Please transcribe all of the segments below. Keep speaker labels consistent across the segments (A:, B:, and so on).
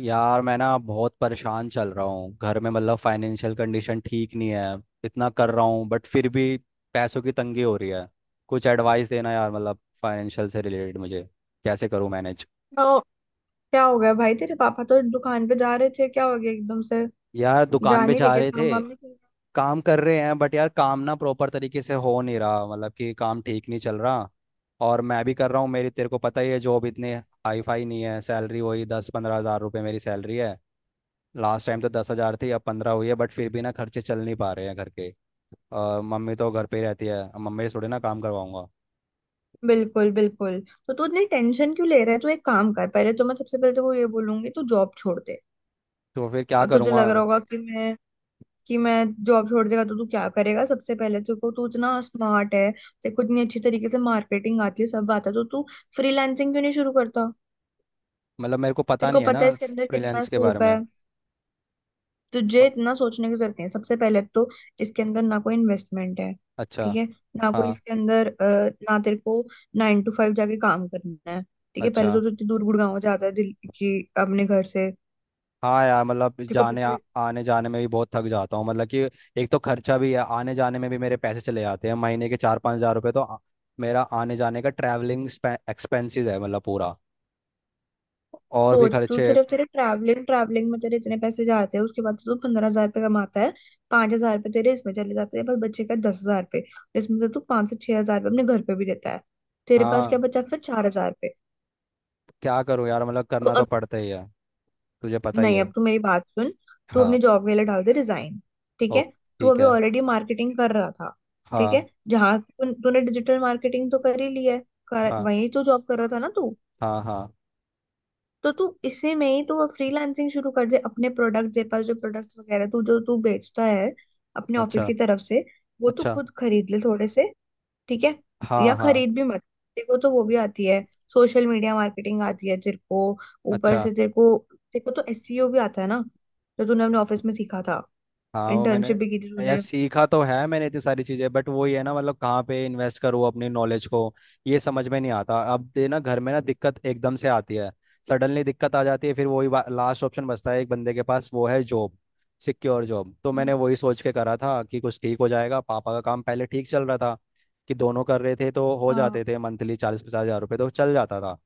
A: यार मैं ना बहुत परेशान चल रहा हूँ घर में। मतलब फाइनेंशियल कंडीशन ठीक नहीं है। इतना कर रहा हूँ बट फिर भी पैसों की तंगी हो रही है। कुछ एडवाइस देना यार, मतलब फाइनेंशियल से रिलेटेड मुझे। कैसे करूँ मैनेज।
B: तो क्या हो गया भाई? तेरे पापा तो दुकान पे जा रहे थे, क्या हो गया एकदम से?
A: यार
B: जा
A: दुकान पे
B: नहीं रहे?
A: जा
B: क्या
A: रहे थे।
B: काम वाम नहीं किया?
A: काम कर रहे हैं बट यार काम ना प्रॉपर तरीके से हो नहीं रहा, मतलब कि काम ठीक नहीं चल रहा। और मैं भी कर रहा हूँ, मेरी तेरे को पता ही है जॉब इतनी हाई फाई नहीं है। सैलरी वही 10-15 हज़ार रुपये मेरी सैलरी है। लास्ट टाइम तो 10 हज़ार थी, अब 15 हुई है, बट फिर भी ना खर्चे चल नहीं पा रहे हैं घर के। मम्मी तो घर पे ही रहती है, अब मम्मी से थोड़ी ना काम करवाऊंगा।
B: बिल्कुल, बिल्कुल। तो तू इतनी टेंशन क्यों ले रहा है? तू एक काम कर, पहले तो मैं, सबसे पहले तो ये बोलूंगी, तू जॉब छोड़ दे।
A: तो फिर क्या
B: अब तुझे
A: करूँगा।
B: लग रहा होगा कि मैं जॉब छोड़ देगा तो तू क्या करेगा? सबसे पहले तेरे को, तू इतना स्मार्ट है, तेरे को इतनी अच्छी तरीके से मार्केटिंग आती है, सब आता है, तो तू फ्रीलांसिंग क्यों नहीं शुरू करता?
A: मतलब मेरे को पता
B: तेरे को
A: नहीं है ना
B: पता है इसके अंदर कितना
A: फ्रीलांस के बारे
B: स्कोप
A: में।
B: है। तुझे
A: प-
B: इतना सोचने की जरूरत नहीं है। सबसे पहले तो इसके अंदर ना कोई इन्वेस्टमेंट है।
A: अच्छा।
B: ठीक है। ना कोई
A: हाँ।
B: इसके अंदर, ना तेरे को 9 to 5 जाके काम करना है। ठीक है। पहले
A: अच्छा।
B: तो तू इतनी दूर गुड़गांव जाता है दिल्ली की अपने घर से।
A: हाँ यार, मतलब
B: तेरे को पता है।
A: आने जाने में भी बहुत थक जाता हूँ, मतलब कि एक तो खर्चा भी है, आने जाने में भी मेरे पैसे चले जाते हैं। महीने के 4-5 हज़ार रुपये तो मेरा आने जाने का ट्रैवलिंग एक्सपेंसेस है, मतलब पूरा। और भी
B: सोच, तू
A: खर्चे।
B: सिर्फ तेरे ट्रैवलिंग ट्रैवलिंग में तेरे इतने पैसे जाते हैं, उसके बाद तो तू 15,000 रुपये कमाता है। 5,000 रुपये तेरे इसमें चले जाते हैं, पर बच्चे का 10,000 रुपये, जिसमें से तू 5 से 6 हजार रुपये अपने घर पे भी देता है। तेरे पास क्या
A: हाँ।
B: बचा फिर? 4,000 रुपये।
A: क्या करूँ यार, मतलब
B: तो
A: करना तो
B: अब,
A: पड़ता ही है। तुझे पता ही
B: नहीं,
A: है।
B: अब तू मेरी बात सुन। तू
A: हाँ।
B: अपनी जॉब वाले डाल दे रिजाइन। ठीक
A: ओ।
B: है। तू
A: ठीक
B: अभी
A: है।
B: ऑलरेडी मार्केटिंग कर रहा था, ठीक
A: हाँ
B: है। जहां तूने डिजिटल मार्केटिंग तो कर ही ली है,
A: हाँ।
B: वही तो जॉब कर रहा था ना तू?
A: हाँ हाँ।
B: तो तू इसी में ही तू फ्रीलांसिंग शुरू कर दे। अपने प्रोडक्ट, तेरे पास जो प्रोडक्ट वगैरह तू जो तू बेचता है अपने ऑफिस
A: अच्छा।
B: की तरफ से, वो तू
A: अच्छा।
B: खुद खरीद ले थोड़े से। ठीक है।
A: हाँ
B: या
A: हाँ।
B: खरीद भी मत, तेरे को तो वो भी आती है, सोशल मीडिया मार्केटिंग आती है तेरे को। ऊपर
A: अच्छा।
B: से तेरे को तो एसईओ भी आता है ना? जो तूने अपने ऑफिस में सीखा था,
A: हाँ वो मैंने।
B: इंटर्नशिप भी की थी
A: यार
B: तूने।
A: सीखा तो है मैंने इतनी सारी चीज़ें, बट वही है ना, मतलब कहाँ पे इन्वेस्ट करूँ अपनी नॉलेज को, ये समझ में नहीं आता। अब दे ना घर में ना दिक्कत एकदम से आती है, सडनली दिक्कत आ जाती है, फिर वही लास्ट ऑप्शन बचता है एक बंदे के पास, वो है जॉब। सिक्योर जॉब तो मैंने
B: हम्म,
A: वही सोच के करा था कि कुछ ठीक हो जाएगा, पापा का काम पहले ठीक चल रहा था, कि दोनों कर रहे थे तो हो जाते
B: हाँ।
A: थे मंथली 40-50 हजार रुपये तो चल जाता था।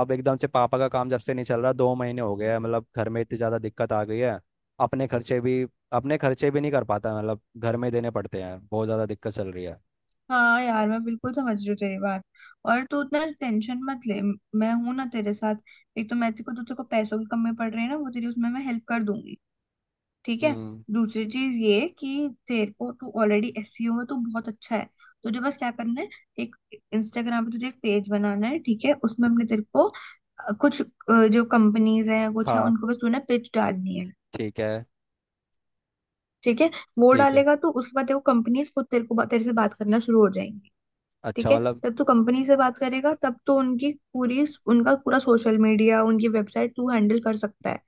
A: अब एकदम से पापा का काम जब से नहीं चल रहा, 2 महीने हो गए हैं, मतलब घर में इतनी ज़्यादा दिक्कत आ गई है। अपने खर्चे भी, अपने खर्चे भी नहीं कर पाता, मतलब घर में देने पड़ते हैं। बहुत ज़्यादा दिक्कत चल रही है।
B: हाँ यार, मैं बिल्कुल समझ रही हूँ तेरी बात। और तू उतना टेंशन मत ले, मैं हूं ना तेरे साथ। एक तो मैं तेरे को, जो तेरे को पैसों की कमी पड़ रही है ना, वो तेरी, उसमें मैं हेल्प कर दूंगी। ठीक है।
A: हम्म।
B: दूसरी चीज ये कि तेरे को, तू ऑलरेडी एसईओ में तू बहुत अच्छा है। तुझे बस क्या करना है? एक, इंस्टाग्राम पे तुझे एक पेज बनाना है, ठीक है, उसमें हमने तेरे को कुछ, जो कंपनीज हैं कुछ है,
A: हाँ
B: उनको बस तूने पिच डालनी है।
A: ठीक है।
B: ठीक है। वो
A: ठीक है।
B: डालेगा तो उसके बाद देखो कंपनीज खुद तेरे को तेरे से बात करना शुरू हो जाएंगी। ठीक
A: अच्छा
B: है।
A: मतलब।
B: तब तू कंपनी से बात करेगा, तब तो उनकी पूरी उनका पूरा सोशल मीडिया, उनकी वेबसाइट तू हैंडल कर सकता है।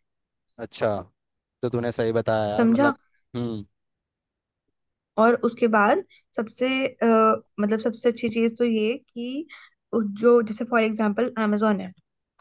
A: अच्छा, तो तूने सही बताया यार,
B: समझा?
A: मतलब। हम्म।
B: और उसके बाद सबसे अ, मतलब सबसे अच्छी चीज तो ये कि उ- जो जैसे फॉर एग्जांपल amazon है,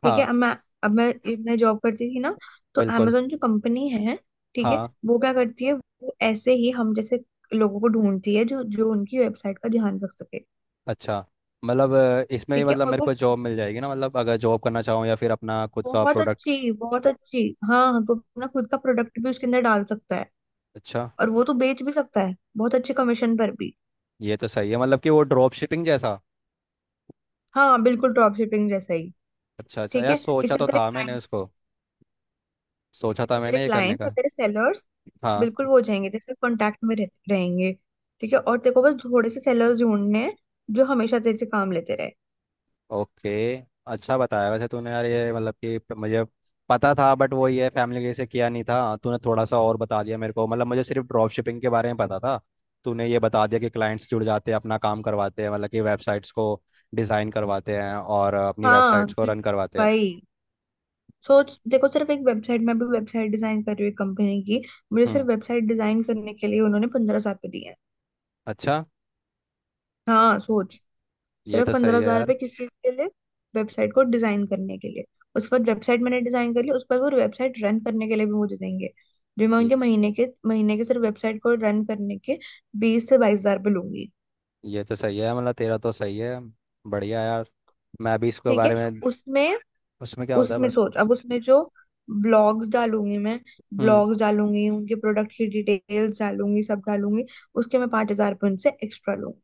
B: ठीक है।
A: हाँ।
B: अब मैं जॉब करती थी ना, तो
A: बिल्कुल।
B: amazon जो कंपनी है, ठीक है,
A: हाँ।
B: वो क्या करती है? वो ऐसे ही हम जैसे लोगों को ढूंढती है जो जो उनकी वेबसाइट का ध्यान रख सके।
A: अच्छा, मतलब इसमें भी
B: ठीक है,
A: मतलब
B: और
A: मेरे
B: वो
A: को जॉब मिल जाएगी ना, मतलब अगर जॉब करना चाहूँ या फिर अपना खुद का
B: बहुत
A: प्रोडक्ट।
B: अच्छी, बहुत अच्छी। हाँ, तो अपना खुद का प्रोडक्ट भी उसके अंदर डाल सकता है,
A: अच्छा।
B: और वो तो बेच भी सकता है बहुत अच्छे कमीशन पर भी।
A: ये तो सही है, मतलब कि वो ड्रॉप शिपिंग जैसा।
B: हाँ बिल्कुल, ड्रॉप शिपिंग जैसा ही।
A: अच्छा अच्छा
B: ठीक
A: यार,
B: है,
A: सोचा
B: इससे
A: तो
B: तेरे
A: था मैंने उसको। सोचा था
B: इससे तेरे
A: मैंने ये करने
B: क्लाइंट्स और
A: का।
B: तेरे सेलर्स,
A: हाँ।
B: बिल्कुल वो हो जाएंगे तेरे साथ कांटेक्ट में रहेंगे। ठीक है, और तेरे को बस थोड़े से सेलर्स ढूंढने हैं जो हमेशा तेरे से काम लेते रहे।
A: ओके। अच्छा बताया वैसे तूने यार, ये मतलब कि मुझे पता था, बट वो ये फैमिली के से किया नहीं था। हाँ, तूने थोड़ा सा और बता दिया मेरे को, मतलब मुझे सिर्फ ड्रॉप शिपिंग के बारे में पता था। तूने ये बता दिया कि क्लाइंट्स जुड़ जाते हैं, अपना काम करवाते हैं, मतलब कि वेबसाइट्स को डिज़ाइन करवाते हैं और अपनी
B: हाँ,
A: वेबसाइट्स को
B: तो
A: रन करवाते हैं।
B: भाई, सोच देखो, सिर्फ एक वेबसाइट, मैं भी वेबसाइट डिजाइन कर रही हूँ कंपनी की, मुझे
A: हम्म।
B: सिर्फ वेबसाइट डिजाइन करने के लिए उन्होंने 15,000 रुपये दिए हैं।
A: अच्छा।
B: हाँ सोच,
A: ये
B: सिर्फ
A: तो
B: पंद्रह
A: सही है
B: हजार
A: यार।
B: रुपये किस चीज के लिए? वेबसाइट को डिजाइन करने के लिए। उसके बाद वेबसाइट मैंने डिजाइन कर ली, उस पर वो वेबसाइट रन करने के लिए भी मुझे देंगे, जो मैं
A: ये,
B: उनके महीने के सिर्फ वेबसाइट को रन करने के 20 से 22 हजार रुपये लूंगी।
A: ये तो सही है, मतलब तेरा तो सही है। बढ़िया यार। मैं भी इसके
B: ठीक है।
A: बारे में।
B: उसमें
A: उसमें क्या होता है
B: उसमें
A: बस।
B: सोच, अब उसमें जो ब्लॉग्स डालूंगी मैं
A: हम्म।
B: ब्लॉग्स डालूंगी, उनके प्रोडक्ट की डिटेल्स डालूंगी, सब डालूंगी। उसके मैं 5,000 रुपये उनसे एक्स्ट्रा लूंगी।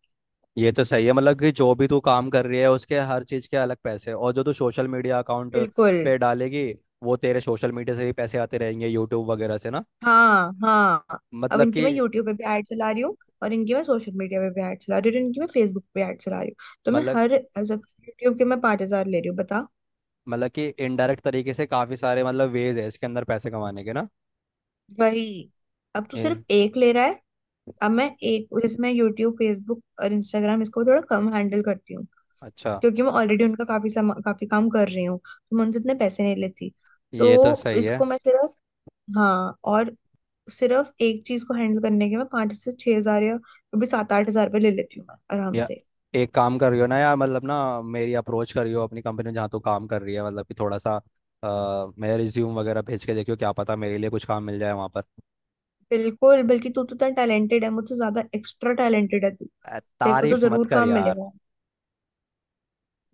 A: ये तो सही है, मतलब कि जो भी तू काम कर रही है, उसके हर चीज के अलग पैसे। और जो तू सोशल मीडिया अकाउंट
B: बिल्कुल।
A: पे डालेगी, वो तेरे सोशल मीडिया से भी पैसे आते रहेंगे यूट्यूब वगैरह से ना।
B: हाँ, हाँ। अब
A: मतलब
B: इनकी
A: कि
B: मैं यूट्यूब पे भी ऐड चला रही हूँ, और इनकी मैं सोशल मीडिया पे भी ऐड चला रही हूँ, और इनकी मैं फेसबुक पे ऐड चला रही हूँ। तो मैं
A: मतलब
B: हर सब, यूट्यूब के मैं 5,000 ले रही हूँ, बता।
A: मतलब कि इनडायरेक्ट तरीके से काफी सारे मतलब वेज है इसके अंदर पैसे कमाने के ना।
B: वही। अब तू सिर्फ
A: ये।
B: एक ले रहा है। अब मैं एक जैसे मैं यूट्यूब, फेसबुक और इंस्टाग्राम, इसको थोड़ा कम हैंडल करती हूँ,
A: अच्छा।
B: क्योंकि मैं ऑलरेडी उनका काफी काम कर रही हूँ, तो मैं उनसे इतने पैसे नहीं लेती।
A: ये तो
B: तो
A: सही है।
B: इसको मैं सिर्फ हाँ, और सिर्फ एक चीज को हैंडल करने के मैं 5 से 6 हजार या कभी 7-8 हजार रुपये ले लेती हूँ मैं आराम
A: या
B: से।
A: एक काम करियो ना यार, मतलब ना, मेरी अप्रोच करियो अपनी कंपनी में जहाँ तू काम कर रही है, मतलब कि थोड़ा सा मेरा रिज्यूम वगैरह भेज के देखियो, क्या पता मेरे लिए कुछ काम मिल जाए वहाँ पर।
B: बिल्कुल, बल्कि तू तो इतना टैलेंटेड है, मुझसे ज्यादा एक्स्ट्रा टैलेंटेड है तू। तेरे को तो
A: तारीफ मत
B: जरूर
A: कर
B: काम
A: यार।
B: मिलेगा।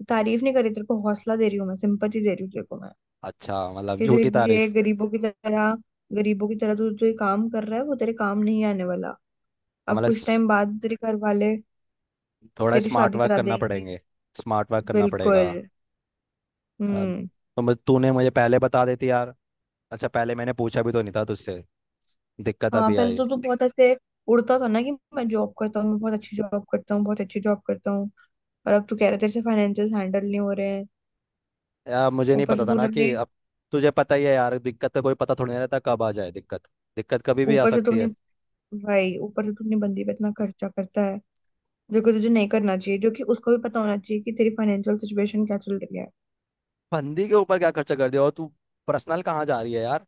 B: तारीफ नहीं करी, तेरे को हौसला दे रही हूँ मैं, सिंपैथी दे रही हूँ तेरे को मैं,
A: अच्छा, मतलब
B: कि जो
A: झूठी
B: ये
A: तारीफ।
B: गरीबों की तरह तू जो ये काम कर रहा है वो तेरे काम नहीं आने वाला। अब
A: हमारा
B: कुछ
A: स-
B: टाइम बाद तेरे घर वाले
A: थोड़ा
B: तेरी
A: स्मार्ट
B: शादी
A: वर्क
B: करा
A: करना
B: देंगे।
A: पड़ेंगे। स्मार्ट वर्क करना पड़ेगा।
B: बिल्कुल। हम्म।
A: तो मुझे तूने मुझे पहले बता देती यार। अच्छा, पहले मैंने पूछा भी तो नहीं था तुझसे, दिक्कत
B: हाँ,
A: अभी
B: पहले
A: आई।
B: तो तू बहुत ऐसे उड़ता था ना कि मैं जॉब करता हूँ, मैं बहुत अच्छी जॉब करता हूँ, बहुत अच्छी जॉब करता हूँ। और अब तू कह रहा है तेरे से फाइनेंशियल हैंडल नहीं हो रहे हैं।
A: यार मुझे नहीं
B: ऊपर
A: पता
B: से
A: था
B: तूने
A: ना कि
B: अपने
A: अब, तुझे पता ही है यार, दिक्कत का कोई पता थोड़ी नहीं रहता कब आ जाए दिक्कत। दिक्कत कभी भी आ
B: ऊपर से
A: सकती
B: तुमने
A: है।
B: भाई, ऊपर से तू अपनी बंदी पे इतना खर्चा करता है,
A: तू
B: जो कि तुझे नहीं करना चाहिए, जो कि उसको भी पता होना चाहिए कि तेरी फाइनेंशियल सिचुएशन क्या चल रही है।
A: फंदी के ऊपर क्या खर्चा कर दिया, और तू पर्सनल कहाँ जा रही है यार।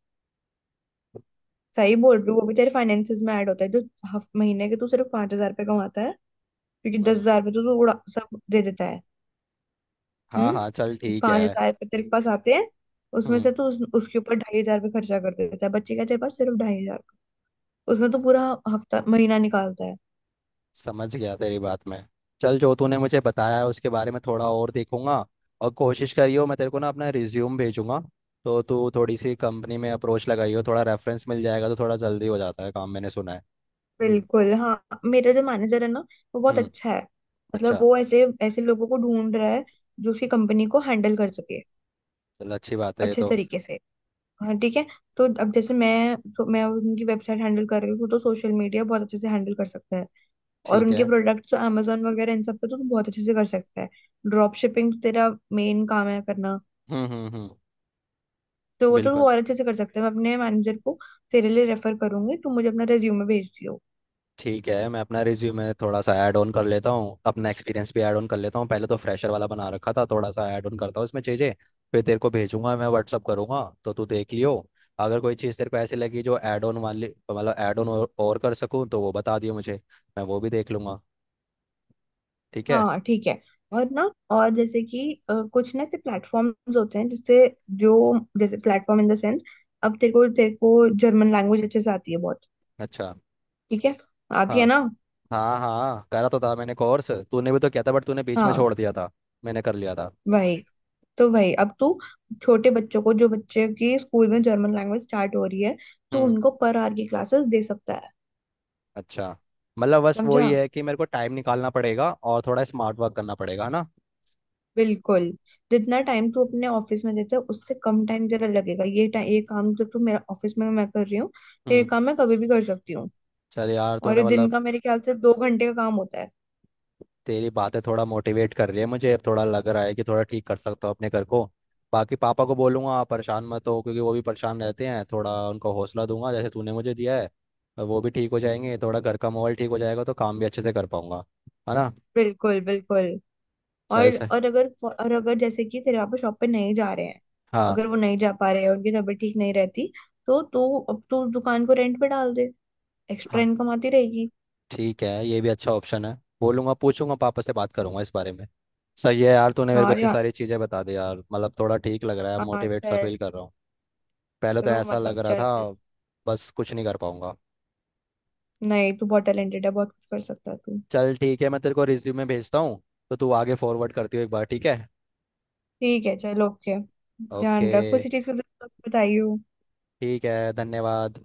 B: सही बोल रही हूँ, वो भी तेरे फाइनेंसेस में ऐड होता है, जो हफ महीने के तू सिर्फ 5,000 रुपये कमाता है, क्योंकि दस
A: हम्म।
B: हजार रुपये तो तू उड़ा सब दे देता है।
A: हाँ हाँ, चल ठीक
B: पांच
A: है।
B: हजार रुपये तेरे पास आते हैं, उसमें
A: हम्म।
B: से तू उसके ऊपर 2,500 रुपये खर्चा कर देता है बच्चे का, तेरे पास सिर्फ 2,500। उसमें तो पूरा हफ्ता महीना निकालता है।
A: समझ गया तेरी बात मैं। चल, जो तूने मुझे बताया है उसके बारे में थोड़ा और देखूंगा। और कोशिश करियो, मैं तेरे को ना अपना रिज्यूम भेजूंगा, तो तू थोड़ी सी कंपनी में अप्रोच लगाइयो, थोड़ा रेफरेंस मिल जाएगा तो थोड़ा जल्दी हो जाता है काम, मैंने सुना है। हम्म।
B: बिल्कुल। हाँ, मेरा जो मैनेजर है ना, वो बहुत
A: हम्म।
B: अच्छा है। मतलब
A: अच्छा।
B: वो ऐसे ऐसे लोगों को ढूंढ रहा है जो उसकी कंपनी को हैंडल कर सके
A: चल, अच्छी बात है ये
B: अच्छे
A: तो।
B: तरीके से। हाँ ठीक है, तो अब जैसे, मैं उनकी वेबसाइट हैंडल कर रही हूँ तो सोशल मीडिया बहुत अच्छे से हैंडल कर सकता है। और
A: ठीक
B: उनके
A: है।
B: प्रोडक्ट्स तो अमेजोन वगैरह इन सब पे तो तू बहुत अच्छे से कर सकता है। ड्रॉप शिपिंग तो तेरा मेन काम है करना,
A: हम्म। हम्म। हम्म।
B: तो वो तो तू
A: बिल्कुल।
B: और अच्छे से कर सकता है। मैं अपने मैनेजर को तेरे लिए रेफर करूंगी, तू मुझे अपना रेज्यूमे भेज।
A: ठीक है, मैं अपना रिज्यूमे थोड़ा सा ऐड ऑन कर लेता हूँ, अपना एक्सपीरियंस भी ऐड ऑन कर लेता हूँ। पहले तो फ्रेशर वाला बना रखा था, थोड़ा सा ऐड ऑन करता हूँ इसमें चीज़ें। फिर तेरे को भेजूंगा, मैं व्हाट्सअप करूंगा तो तू देख लियो। अगर कोई चीज़ तेरे को ऐसी लगी जो ऐड ऑन वाली, मतलब ऐड ऑन और कर सकूँ, तो वो बता दियो मुझे। मैं वो भी देख लूंगा। ठीक है।
B: हाँ ठीक है, और ना जैसे कि कुछ ना ऐसे प्लेटफॉर्म्स होते हैं जिससे, जो जैसे प्लेटफॉर्म इन द सेंस, अब तेरे को जर्मन लैंग्वेज अच्छे से आती है बहुत।
A: अच्छा।
B: ठीक है। आती
A: हाँ।
B: है ना?
A: हाँ हाँ, करा तो था मैंने कोर्स, तूने भी तो किया था बट तूने बीच में
B: हाँ,
A: छोड़ दिया था। मैंने कर लिया था।
B: वही वही अब तू छोटे बच्चों को, जो बच्चे की स्कूल में जर्मन लैंग्वेज स्टार्ट हो रही है, तो
A: हम्म।
B: उनको पर आवर की क्लासेस दे सकता है।
A: अच्छा, मतलब बस
B: समझा?
A: वही है कि मेरे को टाइम निकालना पड़ेगा और थोड़ा स्मार्ट वर्क करना पड़ेगा, है ना।
B: बिल्कुल। जितना टाइम तू अपने ऑफिस में देता है उससे कम टाइम तेरा लगेगा। ये टाइम, ये काम जो तू, मेरा ऑफिस में मैं कर रही हूँ, ये
A: हम्म,
B: काम मैं कभी भी कर सकती हूँ।
A: चल यार,
B: और
A: तूने
B: ये दिन
A: मतलब
B: का मेरे ख्याल से 2 घंटे का काम होता है।
A: तेरी बातें थोड़ा मोटिवेट कर रही है मुझे, अब थोड़ा लग रहा है कि थोड़ा ठीक कर सकता हूँ अपने घर को। बाकी पापा को बोलूंगा परेशान मत हो, क्योंकि वो भी परेशान रहते हैं, थोड़ा उनको हौसला दूंगा जैसे तूने मुझे दिया है। और वो भी ठीक हो जाएंगे, थोड़ा घर का माहौल ठीक हो जाएगा तो काम भी अच्छे से कर पाऊंगा, है ना।
B: बिल्कुल, बिल्कुल।
A: चल
B: और
A: सर।
B: और अगर जैसे कि तेरे पापा शॉप पे नहीं जा रहे हैं,
A: हाँ।
B: अगर वो नहीं जा पा रहे हैं, उनकी तबीयत ठीक नहीं रहती, तो तू अब तो उस दुकान को रेंट पे डाल दे, एक्स्ट्रा
A: हाँ
B: इनकम आती रहेगी।
A: ठीक है, ये भी अच्छा ऑप्शन है, बोलूंगा पूछूंगा, पापा से बात करूंगा इस बारे में। सही है यार, तूने मेरे को
B: हाँ
A: इतनी
B: या,
A: सारी चीज़ें बता दी यार, मतलब थोड़ा ठीक लग रहा है,
B: हाँ,
A: मोटिवेट सा
B: चल,
A: फील कर रहा हूँ। पहले तो
B: रो
A: ऐसा
B: मत
A: लग
B: अब,
A: रहा
B: चल।
A: था बस कुछ नहीं कर पाऊंगा।
B: नहीं, तू बहुत टैलेंटेड है, बहुत कुछ कर सकता है तू।
A: चल ठीक है, मैं तेरे को रिज्यूमे भेजता हूँ, तो तू आगे फॉरवर्ड करती हो एक बार, ठीक है।
B: ठीक है, चल, ओके।
A: ओके।
B: ध्यान रख, कुछ चीज का जरूरत बताइयो।
A: ठीक है, धन्यवाद।